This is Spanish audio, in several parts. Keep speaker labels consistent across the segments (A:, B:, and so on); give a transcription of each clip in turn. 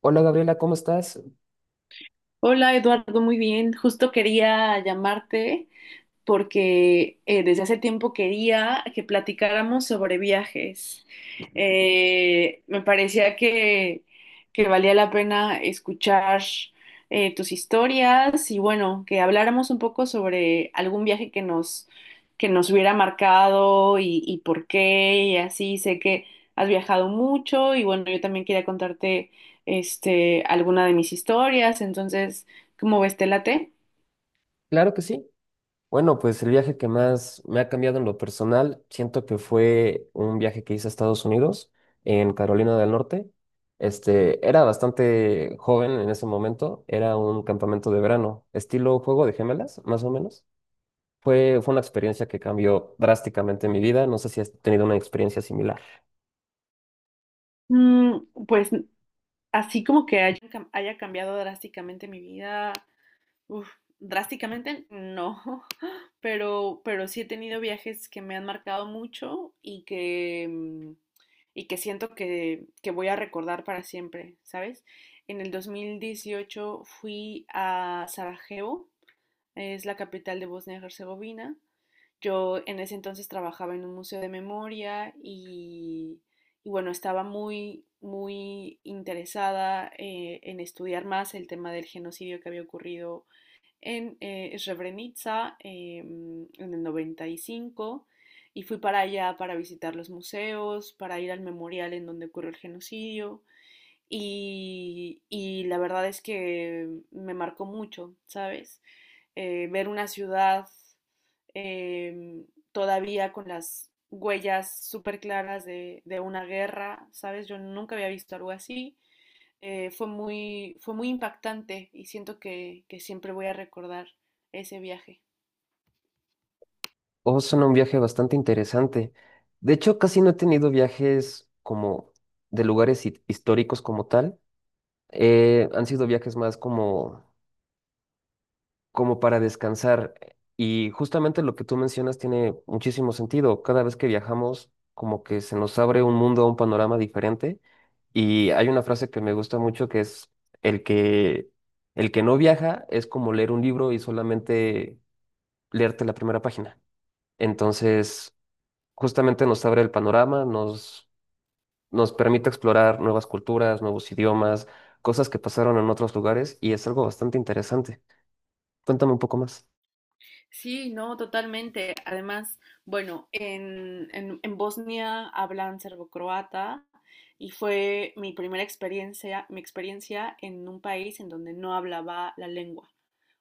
A: Hola Gabriela, ¿cómo estás?
B: Hola Eduardo, muy bien. Justo quería llamarte porque desde hace tiempo quería que platicáramos sobre viajes. Me parecía que valía la pena escuchar tus historias y bueno, que habláramos un poco sobre algún viaje que nos hubiera marcado y por qué y así. Sé que has viajado mucho y bueno, yo también quería contarte alguna de mis historias. Entonces, ¿cómo ves, te late?
A: Claro que sí. Bueno, pues el viaje que más me ha cambiado en lo personal, siento que fue un viaje que hice a Estados Unidos, en Carolina del Norte. Era bastante joven en ese momento, era un campamento de verano, estilo juego de gemelas, más o menos. Fue una experiencia que cambió drásticamente mi vida, no sé si has tenido una experiencia similar.
B: Mm, Pues así como que haya cambiado drásticamente mi vida, uf, drásticamente no, pero sí he tenido viajes que me han marcado mucho y que, y que siento que voy a recordar para siempre, ¿sabes? En el 2018 fui a Sarajevo, es la capital de Bosnia y Herzegovina. Yo en ese entonces trabajaba en un museo de memoria y bueno, estaba muy, muy interesada en estudiar más el tema del genocidio que había ocurrido en Srebrenica, en el 95 y cinco, y fui para allá para visitar los museos, para ir al memorial en donde ocurrió el genocidio, y la verdad es que me marcó mucho, ¿sabes? Ver una ciudad, em, todavía con las huellas súper claras de una guerra, ¿sabes? Yo nunca había visto algo así. Fue muy impactante y siento que siempre voy a recordar ese viaje.
A: Oh, suena un viaje bastante interesante. De hecho, casi no he tenido viajes como de lugares históricos como tal. Han sido viajes más como para descansar. Y justamente lo que tú mencionas tiene muchísimo sentido. Cada vez que viajamos, como que se nos abre un mundo, un panorama diferente. Y hay una frase que me gusta mucho que es el que, el que no viaja es como leer un libro y solamente leerte la primera página. Entonces, justamente nos abre el panorama, nos permite explorar nuevas culturas, nuevos idiomas, cosas que pasaron en otros lugares y es algo bastante interesante. Cuéntame un poco más.
B: Sí, no, totalmente. Además, bueno, en Bosnia hablan serbocroata y fue mi primera experiencia, mi experiencia en un país en donde no hablaba la lengua.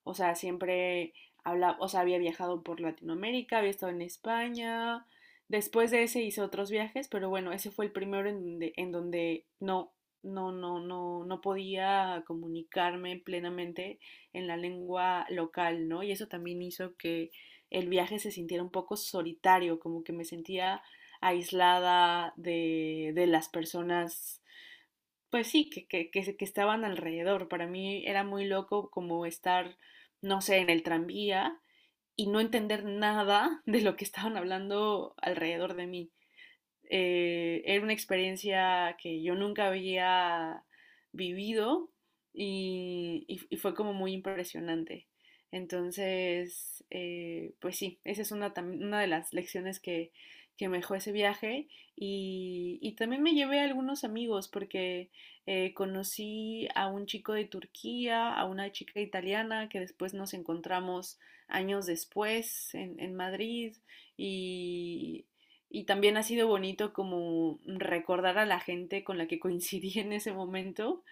B: O sea, siempre hablaba, o sea, había viajado por Latinoamérica, había estado en España. Después de ese hice otros viajes, pero bueno, ese fue el primero en donde, en donde no podía comunicarme plenamente en la lengua local, ¿no? Y eso también hizo que el viaje se sintiera un poco solitario, como que me sentía aislada de las personas, pues sí, que estaban alrededor. Para mí era muy loco como estar, no sé, en el tranvía y no entender nada de lo que estaban hablando alrededor de mí. Era una experiencia que yo nunca había vivido y fue como muy impresionante. Entonces, pues sí, esa es una de las lecciones que me dejó ese viaje y también me llevé a algunos amigos porque conocí a un chico de Turquía, a una chica italiana que después nos encontramos años después en, Madrid, y y también ha sido bonito como recordar a la gente con la que coincidí en ese momento,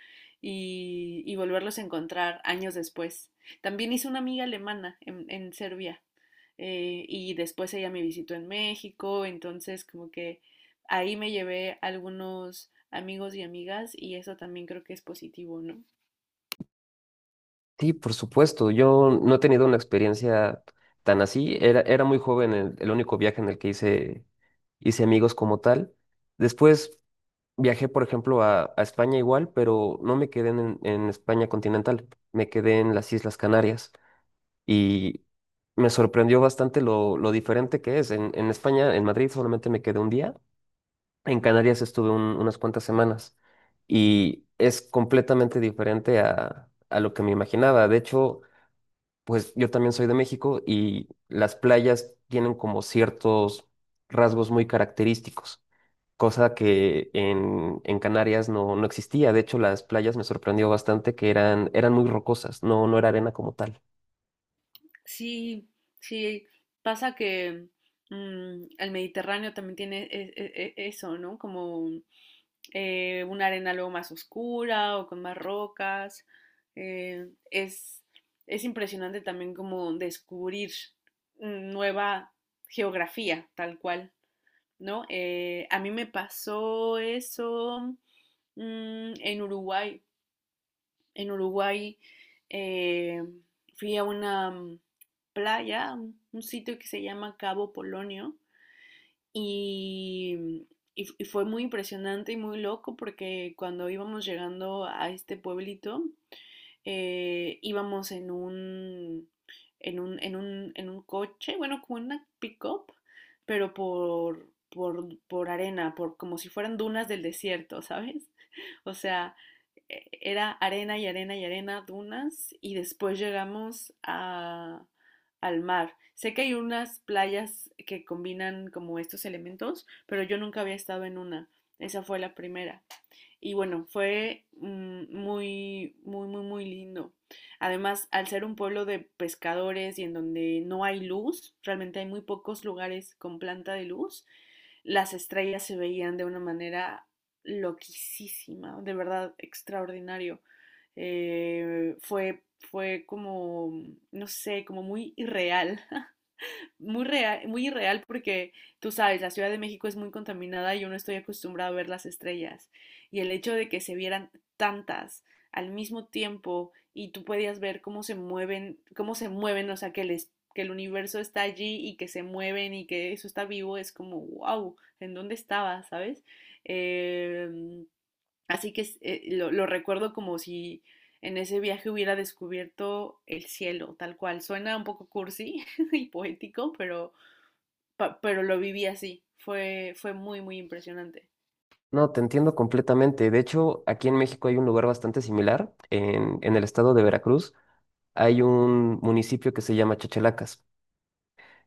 B: y volverlos a encontrar años después. También hice una amiga alemana en, Serbia, y después ella me visitó en México, entonces como que ahí me llevé algunos amigos y amigas, y eso también creo que es positivo, ¿no?
A: Sí, por supuesto, yo no he tenido una experiencia tan así. Era muy joven el único viaje en el que hice amigos como tal. Después viajé, por ejemplo, a España igual, pero no me quedé en España continental, me quedé en las Islas Canarias y me sorprendió bastante lo diferente que es. En España, en Madrid, solamente me quedé un día. En Canarias estuve unas cuantas semanas y es completamente diferente a lo que me imaginaba. De hecho, pues yo también soy de México y las playas tienen como ciertos rasgos muy característicos, cosa que en Canarias no, no existía. De hecho, las playas me sorprendió bastante que eran muy rocosas, no, no era arena como tal.
B: Sí, sí, pasa que, el Mediterráneo también tiene eso, ¿no? Como, una arena luego más oscura o con más rocas. Eh, es, es impresionante también como descubrir nueva geografía, tal cual, ¿no? A mí me pasó eso, en Uruguay. En Uruguay, eh, fui a una playa, un sitio que se llama Cabo Polonio, y, mm, y fue muy impresionante y muy loco porque cuando íbamos llegando a este pueblito, íbamos en un coche, bueno, como una pick-up, pero por arena, por como si fueran dunas del desierto, ¿sabes? O sea, era arena y arena y arena, dunas, y después llegamos al mar. Sé que hay unas playas que combinan como estos elementos, pero yo nunca había estado en una. Esa fue la primera. Y bueno, fue muy, muy, muy, muy lindo. Además, al ser un pueblo de pescadores y en donde no hay luz, realmente hay muy pocos lugares con planta de luz, las estrellas se veían de una manera loquísima, de verdad extraordinario. Fue como, no sé, como muy irreal. Muy real, muy irreal porque tú sabes, la Ciudad de México es muy contaminada y yo no estoy acostumbrada a ver las estrellas. Y el hecho de que se vieran tantas al mismo tiempo, y tú podías ver cómo se mueven, o sea, que el universo está allí y que se mueven y que eso está vivo. Es como, wow, ¿en dónde estaba? ¿Sabes? Eh, Así que, lo recuerdo como si en ese viaje hubiera descubierto el cielo, tal cual. Suena un poco cursi y poético, pero, pero lo viví así. Fue muy, muy impresionante.
A: No, te entiendo completamente. De hecho, aquí en México hay un lugar bastante similar, en el estado de Veracruz hay un municipio que se llama Chachalacas.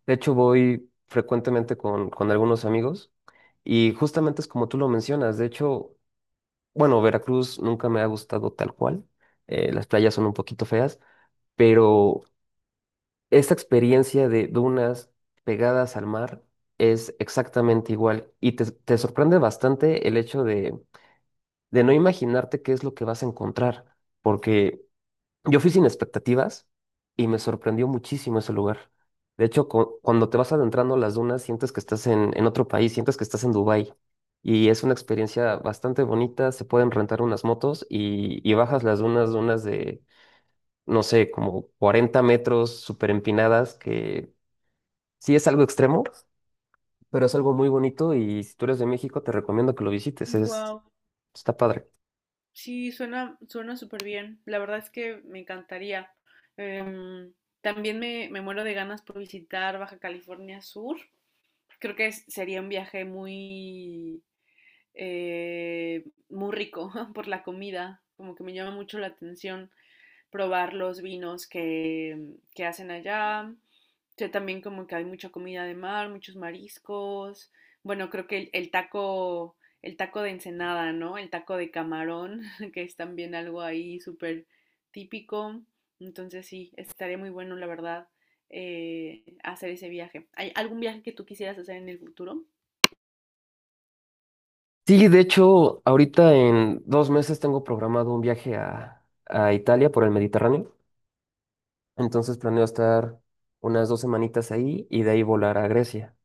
A: De hecho, voy frecuentemente con algunos amigos y justamente es como tú lo mencionas. De hecho, bueno, Veracruz nunca me ha gustado tal cual. Las playas son un poquito feas, pero esta experiencia de dunas pegadas al mar es exactamente igual y te sorprende bastante el hecho de no imaginarte qué es lo que vas a encontrar, porque... Yo fui sin expectativas y me sorprendió muchísimo ese lugar. De hecho, cuando te vas adentrando a las dunas, sientes que estás en otro país, sientes que estás en Dubái. Y es una experiencia bastante bonita. Se pueden rentar unas motos y bajas las dunas, dunas no sé, como 40 metros, súper empinadas, que sí es algo extremo, pero es algo muy bonito. Y si tú eres de México, te recomiendo que lo visites. Es,
B: Wow.
A: está padre.
B: Sí, suena súper bien. La verdad es que me encantaría. Em, También me muero de ganas por visitar Baja California Sur. Creo que sería un viaje eh, muy rico por la comida, como que me llama mucho la atención. Probar los vinos que hacen allá. Yo también como que hay mucha comida de mar, muchos mariscos. Bueno, creo que el taco de ensenada, ¿no? El taco de camarón, que es también algo ahí súper típico. Entonces sí, estaría muy bueno, la verdad, hacer ese viaje. ¿Hay algún viaje que tú quisieras hacer en el futuro?
A: Sí, de hecho, ahorita en 2 meses tengo programado un viaje a Italia por el Mediterráneo. Entonces planeo estar unas dos semanitas ahí y de ahí volar a Grecia.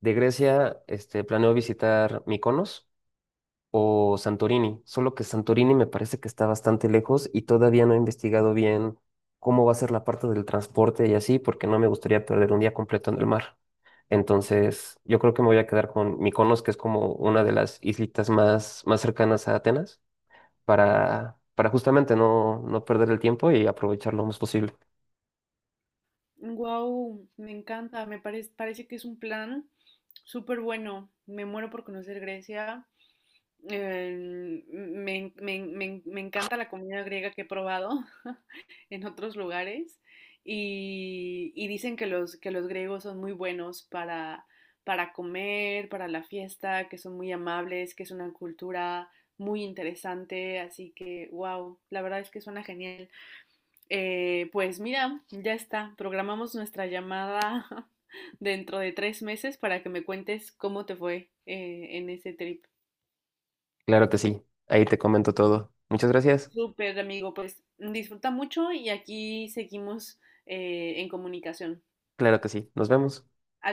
A: De Grecia, planeo visitar Mykonos, o Santorini, solo que Santorini me parece que está bastante lejos y todavía no he investigado bien cómo va a ser la parte del transporte y así, porque no me gustaría perder un día completo en el mar. Entonces, yo creo que me voy a quedar con Mykonos, que es como una de las islitas más cercanas a Atenas, para justamente no, no perder el tiempo y aprovechar lo más posible.
B: Wow, me encanta, me parece que es un plan súper bueno. Me muero por conocer Grecia. Me encanta la comida griega que he probado en otros lugares, y dicen que los griegos son muy buenos para, comer, para la fiesta, que son muy amables, que es una cultura muy interesante, así que wow, la verdad es que suena genial. Pues mira, ya está, programamos nuestra llamada dentro de 3 meses para que me cuentes cómo te fue, en ese trip.
A: Claro que sí, ahí te comento todo. Muchas gracias.
B: Súper, amigo, pues disfruta mucho y aquí seguimos, en comunicación.
A: Claro que sí, nos vemos.